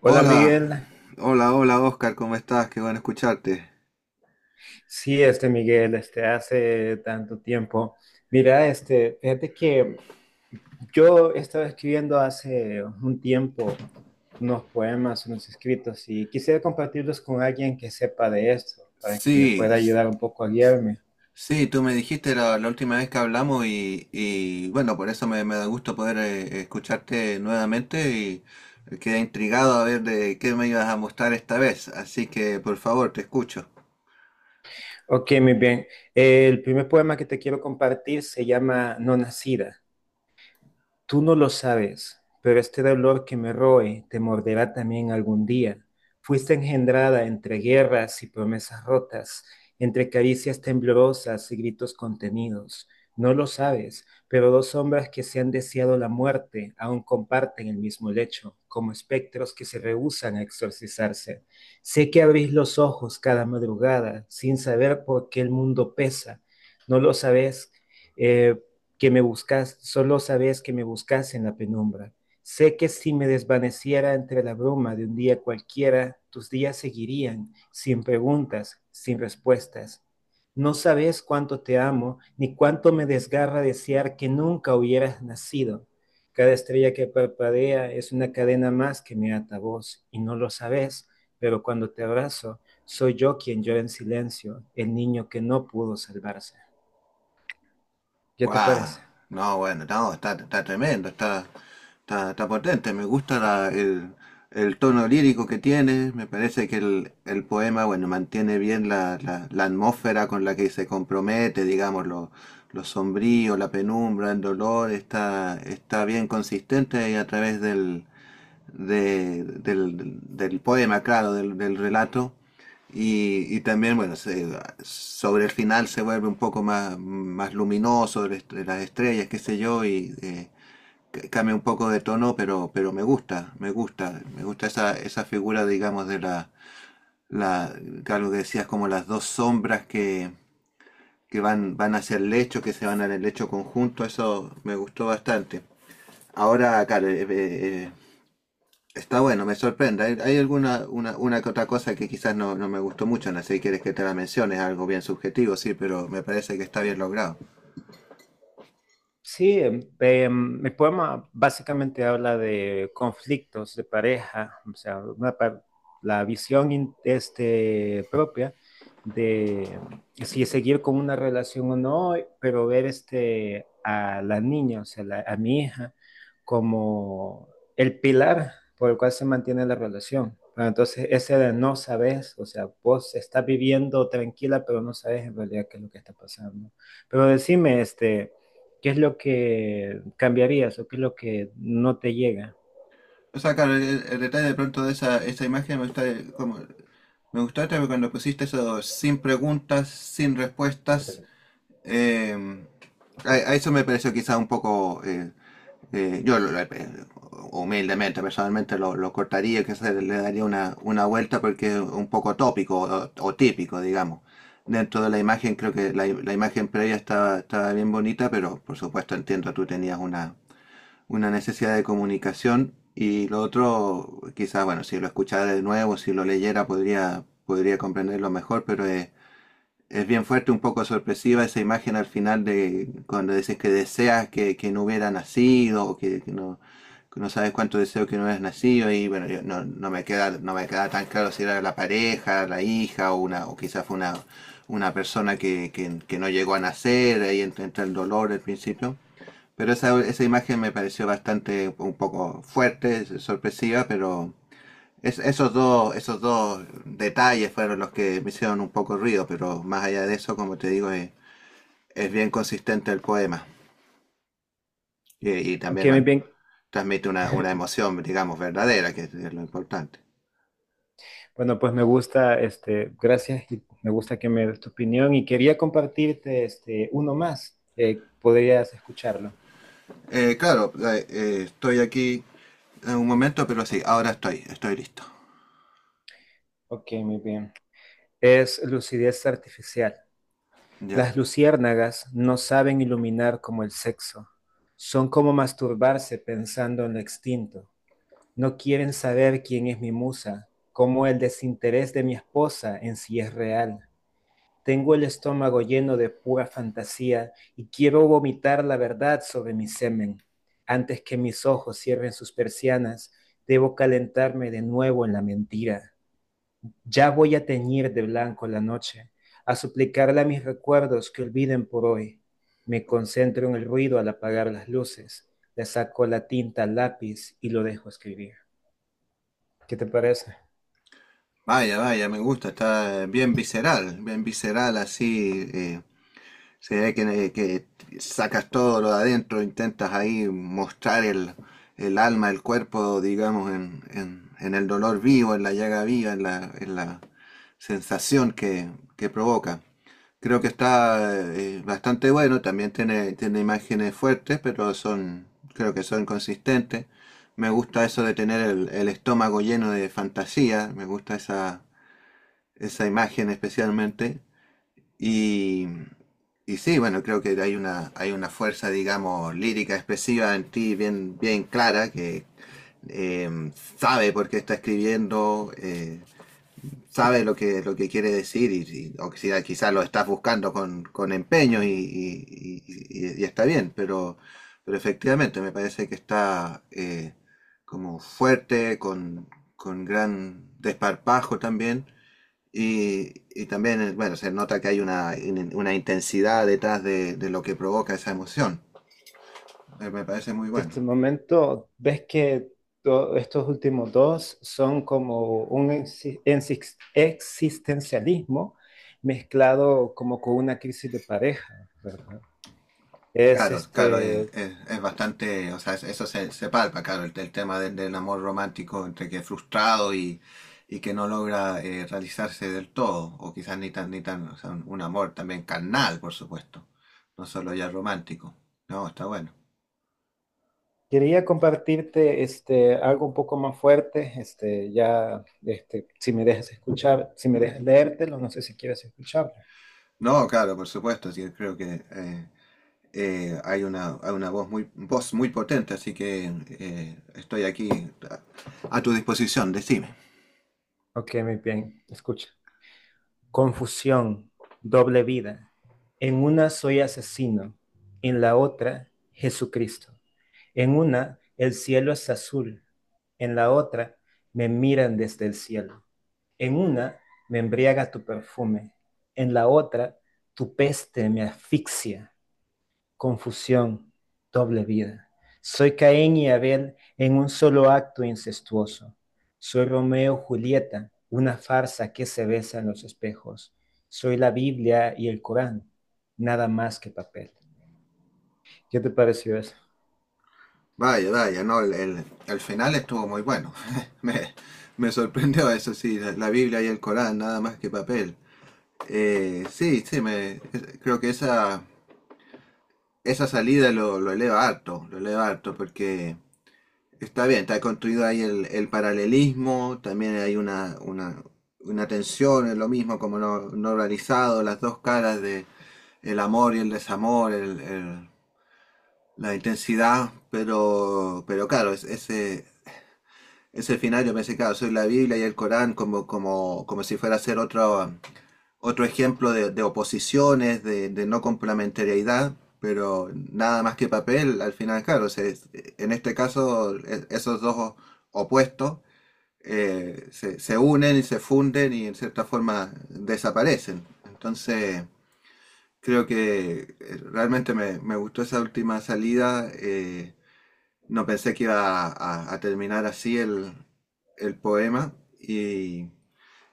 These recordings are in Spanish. Hola Hola, Miguel, hola, hola Oscar, ¿cómo estás? Qué bueno escucharte. sí, Miguel, hace tanto tiempo. Mira, fíjate que yo estaba escribiendo hace un tiempo unos poemas, unos escritos y quisiera compartirlos con alguien que sepa de esto, para que me Sí, pueda s- ayudar un poco a guiarme. sí, tú me dijiste la última vez que hablamos bueno, por eso me da gusto poder escucharte nuevamente y quedé intrigado a ver de qué me ibas a mostrar esta vez, así que por favor, te escucho. Ok, muy bien. El primer poema que te quiero compartir se llama No Nacida. Tú no lo sabes, pero este dolor que me roe te morderá también algún día. Fuiste engendrada entre guerras y promesas rotas, entre caricias temblorosas y gritos contenidos. No lo sabes, pero dos sombras que se han deseado la muerte aún comparten el mismo lecho, como espectros que se rehúsan a exorcizarse. Sé que abrís los ojos cada madrugada sin saber por qué el mundo pesa. No lo sabes, eh, que me buscas, solo sabes que me buscas en la penumbra. Sé que si me desvaneciera entre la bruma de un día cualquiera, tus días seguirían, sin preguntas, sin respuestas. No sabes cuánto te amo, ni cuánto me desgarra desear que nunca hubieras nacido. Cada estrella que parpadea es una cadena más que me ata a vos, y no lo sabes, pero cuando te abrazo, soy yo quien llora en silencio, el niño que no pudo salvarse. ¿Qué te Guau, parece? no, bueno, no, está, tremendo, está potente, me gusta el tono lírico que tiene, me parece que el poema, bueno, mantiene bien la atmósfera con la que se compromete, digamos, lo sombrío, la penumbra, el dolor, está bien consistente y a través del poema, claro, del relato. También, bueno, sobre el final se vuelve un poco más luminoso, de las estrellas, qué sé yo, y cambia un poco de tono, pero me gusta, me gusta, me gusta esa figura, digamos, de la, algo que decías, como las dos sombras que van, van hacia el lecho, que se van al lecho conjunto, eso me gustó bastante. Ahora, claro, está bueno, me sorprende. Hay una que otra cosa que quizás no me gustó mucho, no sé si quieres que te la mencione, es algo bien subjetivo, sí, pero me parece que está bien logrado. Sí, mi poema básicamente habla de conflictos de pareja, o sea, la visión propia de si seguir con una relación o no, pero ver a la niña, o sea, a mi hija, como el pilar por el cual se mantiene la relación. Pero entonces, ese de no sabes, o sea, vos estás viviendo tranquila, pero no sabes en realidad qué es lo que está pasando. Pero decime, ¿Qué es lo que cambiarías o qué es lo que no te llega? O sea, claro, el detalle de pronto de esa imagen me gusta como me gustó este, porque cuando pusiste eso sin preguntas, sin respuestas, eh, a eso me pareció quizás un poco Eh, yo, lo- lo- humildemente, personalmente, lo cortaría, que se le daría una vuelta porque es un poco tópico o típico, digamos. Dentro de la imagen, creo que la imagen previa estaba, estaba bien bonita, pero por supuesto entiendo, tú tenías una necesidad de comunicación y lo otro, quizás, bueno, si lo escuchara de nuevo, si lo leyera, podría, podría comprenderlo mejor, pero es bien fuerte, un poco sorpresiva esa imagen al final de cuando dices que deseas que no hubiera nacido o que no sabes cuánto deseo que no hubieras nacido y bueno, no me queda, no me queda tan claro si era la pareja, la hija o una, o quizás fue una persona que no llegó a nacer, ahí entra, entra el dolor al principio. Pero esa imagen me pareció bastante un poco fuerte, sorpresiva, pero esos dos detalles fueron los que me hicieron un poco ruido, pero más allá de eso, como te digo, es bien consistente el poema. Y Ok, también muy bueno, bien. transmite una emoción, digamos, verdadera, que es lo importante. Bueno, pues me gusta, gracias y me gusta que me des tu opinión y quería compartirte uno más. Podrías escucharlo. Claro, estoy aquí en un momento, pero sí, ahora estoy listo. Ok, muy bien. Es lucidez artificial. Ya. Las luciérnagas no saben iluminar como el sexo. Son como masturbarse pensando en lo extinto. No quieren saber quién es mi musa, cómo el desinterés de mi esposa en sí es real. Tengo el estómago lleno de pura fantasía y quiero vomitar la verdad sobre mi semen. Antes que mis ojos cierren sus persianas, debo calentarme de nuevo en la mentira. Ya voy a teñir de blanco la noche, a suplicarle a mis recuerdos que olviden por hoy. Me concentro en el ruido al apagar las luces, le saco la tinta al lápiz y lo dejo escribir. ¿Qué te parece? Vaya, vaya, me gusta, está bien visceral así, se ve que sacas todo lo de adentro, intentas ahí mostrar el alma, el cuerpo, digamos, en el dolor vivo, en la llaga viva, en en la sensación que provoca. Creo que está bastante bueno, también tiene, tiene imágenes fuertes, pero son, creo que son consistentes. Me gusta eso de tener el estómago lleno de fantasía, me gusta esa imagen especialmente. Y, y sí, bueno, creo que hay una fuerza, digamos, lírica expresiva en ti bien, bien clara que sabe por qué está escribiendo, sabe lo que quiere decir o que quizás lo estás buscando con empeño y, y está bien, pero efectivamente me parece que está como fuerte, con gran desparpajo también y también, bueno, se nota que hay una intensidad detrás de lo que provoca esa emoción. Me parece muy De bueno. este momento ves que estos últimos dos son como un existencialismo mezclado como con una crisis de pareja, ¿verdad? Es Claro, claro, es bastante, o sea, eso se, se palpa, claro, el tema del amor romántico entre que frustrado y que no logra realizarse del todo, o quizás ni tan, ni tan, o sea, un amor también carnal, por supuesto, no solo ya romántico. No, está bueno. quería compartirte algo un poco más fuerte, ya, si me dejas escuchar, si me dejas leértelo, no sé si quieres escucharlo. No, claro, por supuesto, sí, creo que hay una voz muy potente, así que estoy aquí a, a tu disposición, decime. Ok, muy bien, escucha. Confusión, doble vida. En una soy asesino, en la otra Jesucristo. En una el cielo es azul, en la otra me miran desde el cielo. En una me embriaga tu perfume, en la otra tu peste me asfixia confusión, doble vida. Soy Caín y Abel en un solo acto incestuoso. Soy Romeo y Julieta, una farsa que se besa en los espejos. Soy la Biblia y el Corán, nada más que papel. ¿Qué te pareció eso? Vaya, vaya, no, el final estuvo muy bueno. Me, Me sorprendió eso, sí, la Biblia y el Corán, nada más que papel. Sí, sí, creo que esa salida lo eleva harto, porque está bien, está construido ahí el paralelismo, también hay una tensión, es lo mismo como no, no realizado, las dos caras de el amor y el desamor, la intensidad, pero claro, ese, ese final yo pensé, claro, soy la Biblia y el Corán como, como, como si fuera a ser otro, otro ejemplo de oposiciones, de no complementariedad, pero nada más que papel, al final, claro, en este caso esos dos opuestos se unen y se funden y en cierta forma desaparecen. Entonces, creo que realmente me gustó esa última salida. No pensé que iba a terminar así el poema y,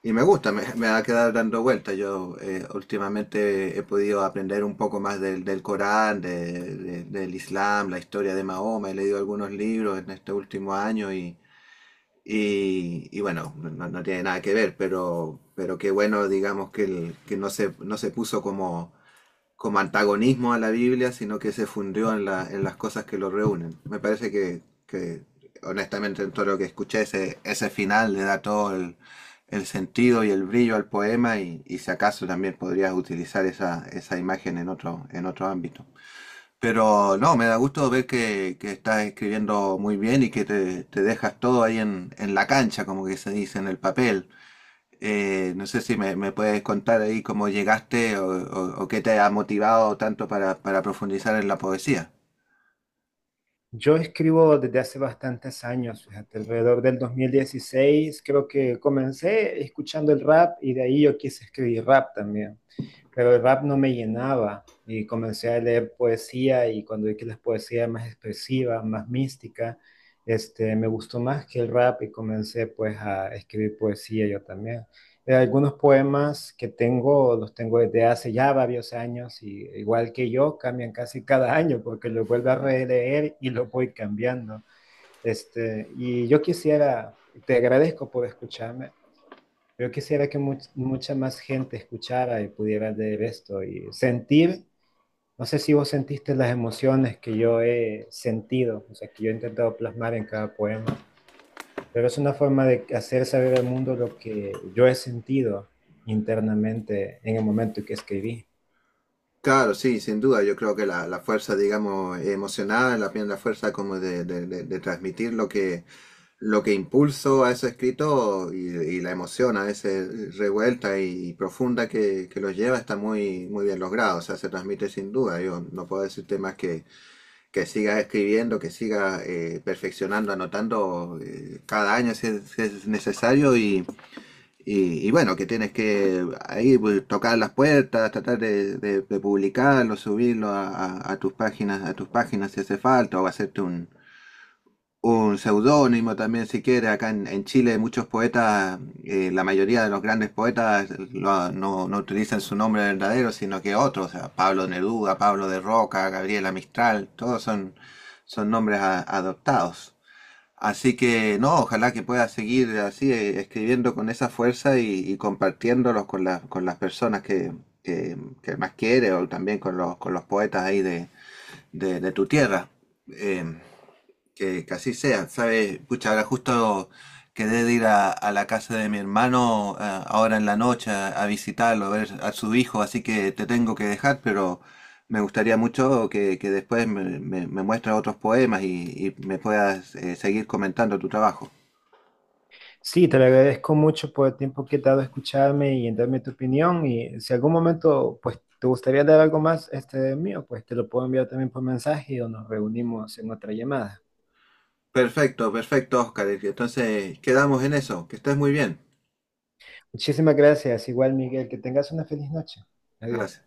y me gusta, me va a quedar dando vueltas. Yo últimamente he podido aprender un poco más del Corán, del Islam, la historia de Mahoma. He leído algunos libros en este último año y bueno, no no tiene nada que ver, pero qué bueno, digamos, que no se, no se puso como, como antagonismo a la Biblia, sino que se fundió en las cosas que lo reúnen. Me parece que honestamente, en todo lo que escuché, ese final le da todo el sentido y el brillo al poema y si acaso también podrías utilizar esa imagen en otro ámbito. Pero no, me da gusto ver que estás escribiendo muy bien y que te dejas todo ahí en la cancha, como que se dice en el papel. No sé si me puedes contar ahí cómo llegaste o qué te ha motivado tanto para profundizar en la poesía. Yo escribo desde hace bastantes años, fíjate, alrededor del 2016 creo que comencé escuchando el rap y de ahí yo quise escribir rap también. Pero el rap no me llenaba y comencé a leer poesía y cuando vi que la poesía era más expresiva, más mística, me gustó más que el rap y comencé pues a escribir poesía yo también. Algunos poemas que tengo los tengo desde hace ya varios años y igual que yo cambian casi cada año porque los vuelvo a releer y los voy cambiando. Y yo quisiera, te agradezco por escucharme. Yo quisiera que mucha más gente escuchara y pudiera leer esto y sentir, no sé si vos sentiste las emociones que yo he sentido, o sea, que yo he intentado plasmar en cada poema, pero es una forma de hacer saber al mundo lo que yo he sentido internamente en el momento que escribí. Claro, sí, sin duda. Yo creo que la fuerza, digamos, emocional, la fuerza como de transmitir lo lo que impulso a ese escrito y la emoción a veces revuelta y profunda que los lleva está muy, muy bien logrado, o sea, se transmite sin duda. Yo no puedo decirte más que sigas escribiendo, que sigas perfeccionando, anotando cada año si es, si es necesario y bueno, que tienes que ahí pues, tocar las puertas, tratar de publicarlo, subirlo a tus páginas si hace falta, o hacerte un seudónimo también si quiere. Acá en Chile muchos poetas, la mayoría de los grandes poetas no utilizan su nombre verdadero, sino que otros, o sea, Pablo Neruda, Pablo de Roca, Gabriela Mistral, todos son, son nombres adoptados. Así que no, ojalá que pueda seguir así escribiendo con esa fuerza y compartiéndolos con las personas que, que más quiere o también con los poetas ahí de tu tierra. Em, que así sea, ¿sabes? Pucha, ahora justo quedé de ir a la casa de mi hermano ahora en la noche a visitarlo, a ver a su hijo, así que te tengo que dejar, pero me gustaría mucho que después me muestres otros poemas y me puedas seguir comentando tu trabajo. Sí, te lo agradezco mucho por el tiempo que te ha dado a escucharme y en darme tu opinión y si algún momento pues te gustaría dar algo más este mío, pues te lo puedo enviar también por mensaje o nos reunimos en otra llamada. Perfecto, perfecto, Oscar. Entonces quedamos en eso. Que estés muy bien. Muchísimas gracias. Igual, Miguel, que tengas una feliz noche. Adiós. Gracias.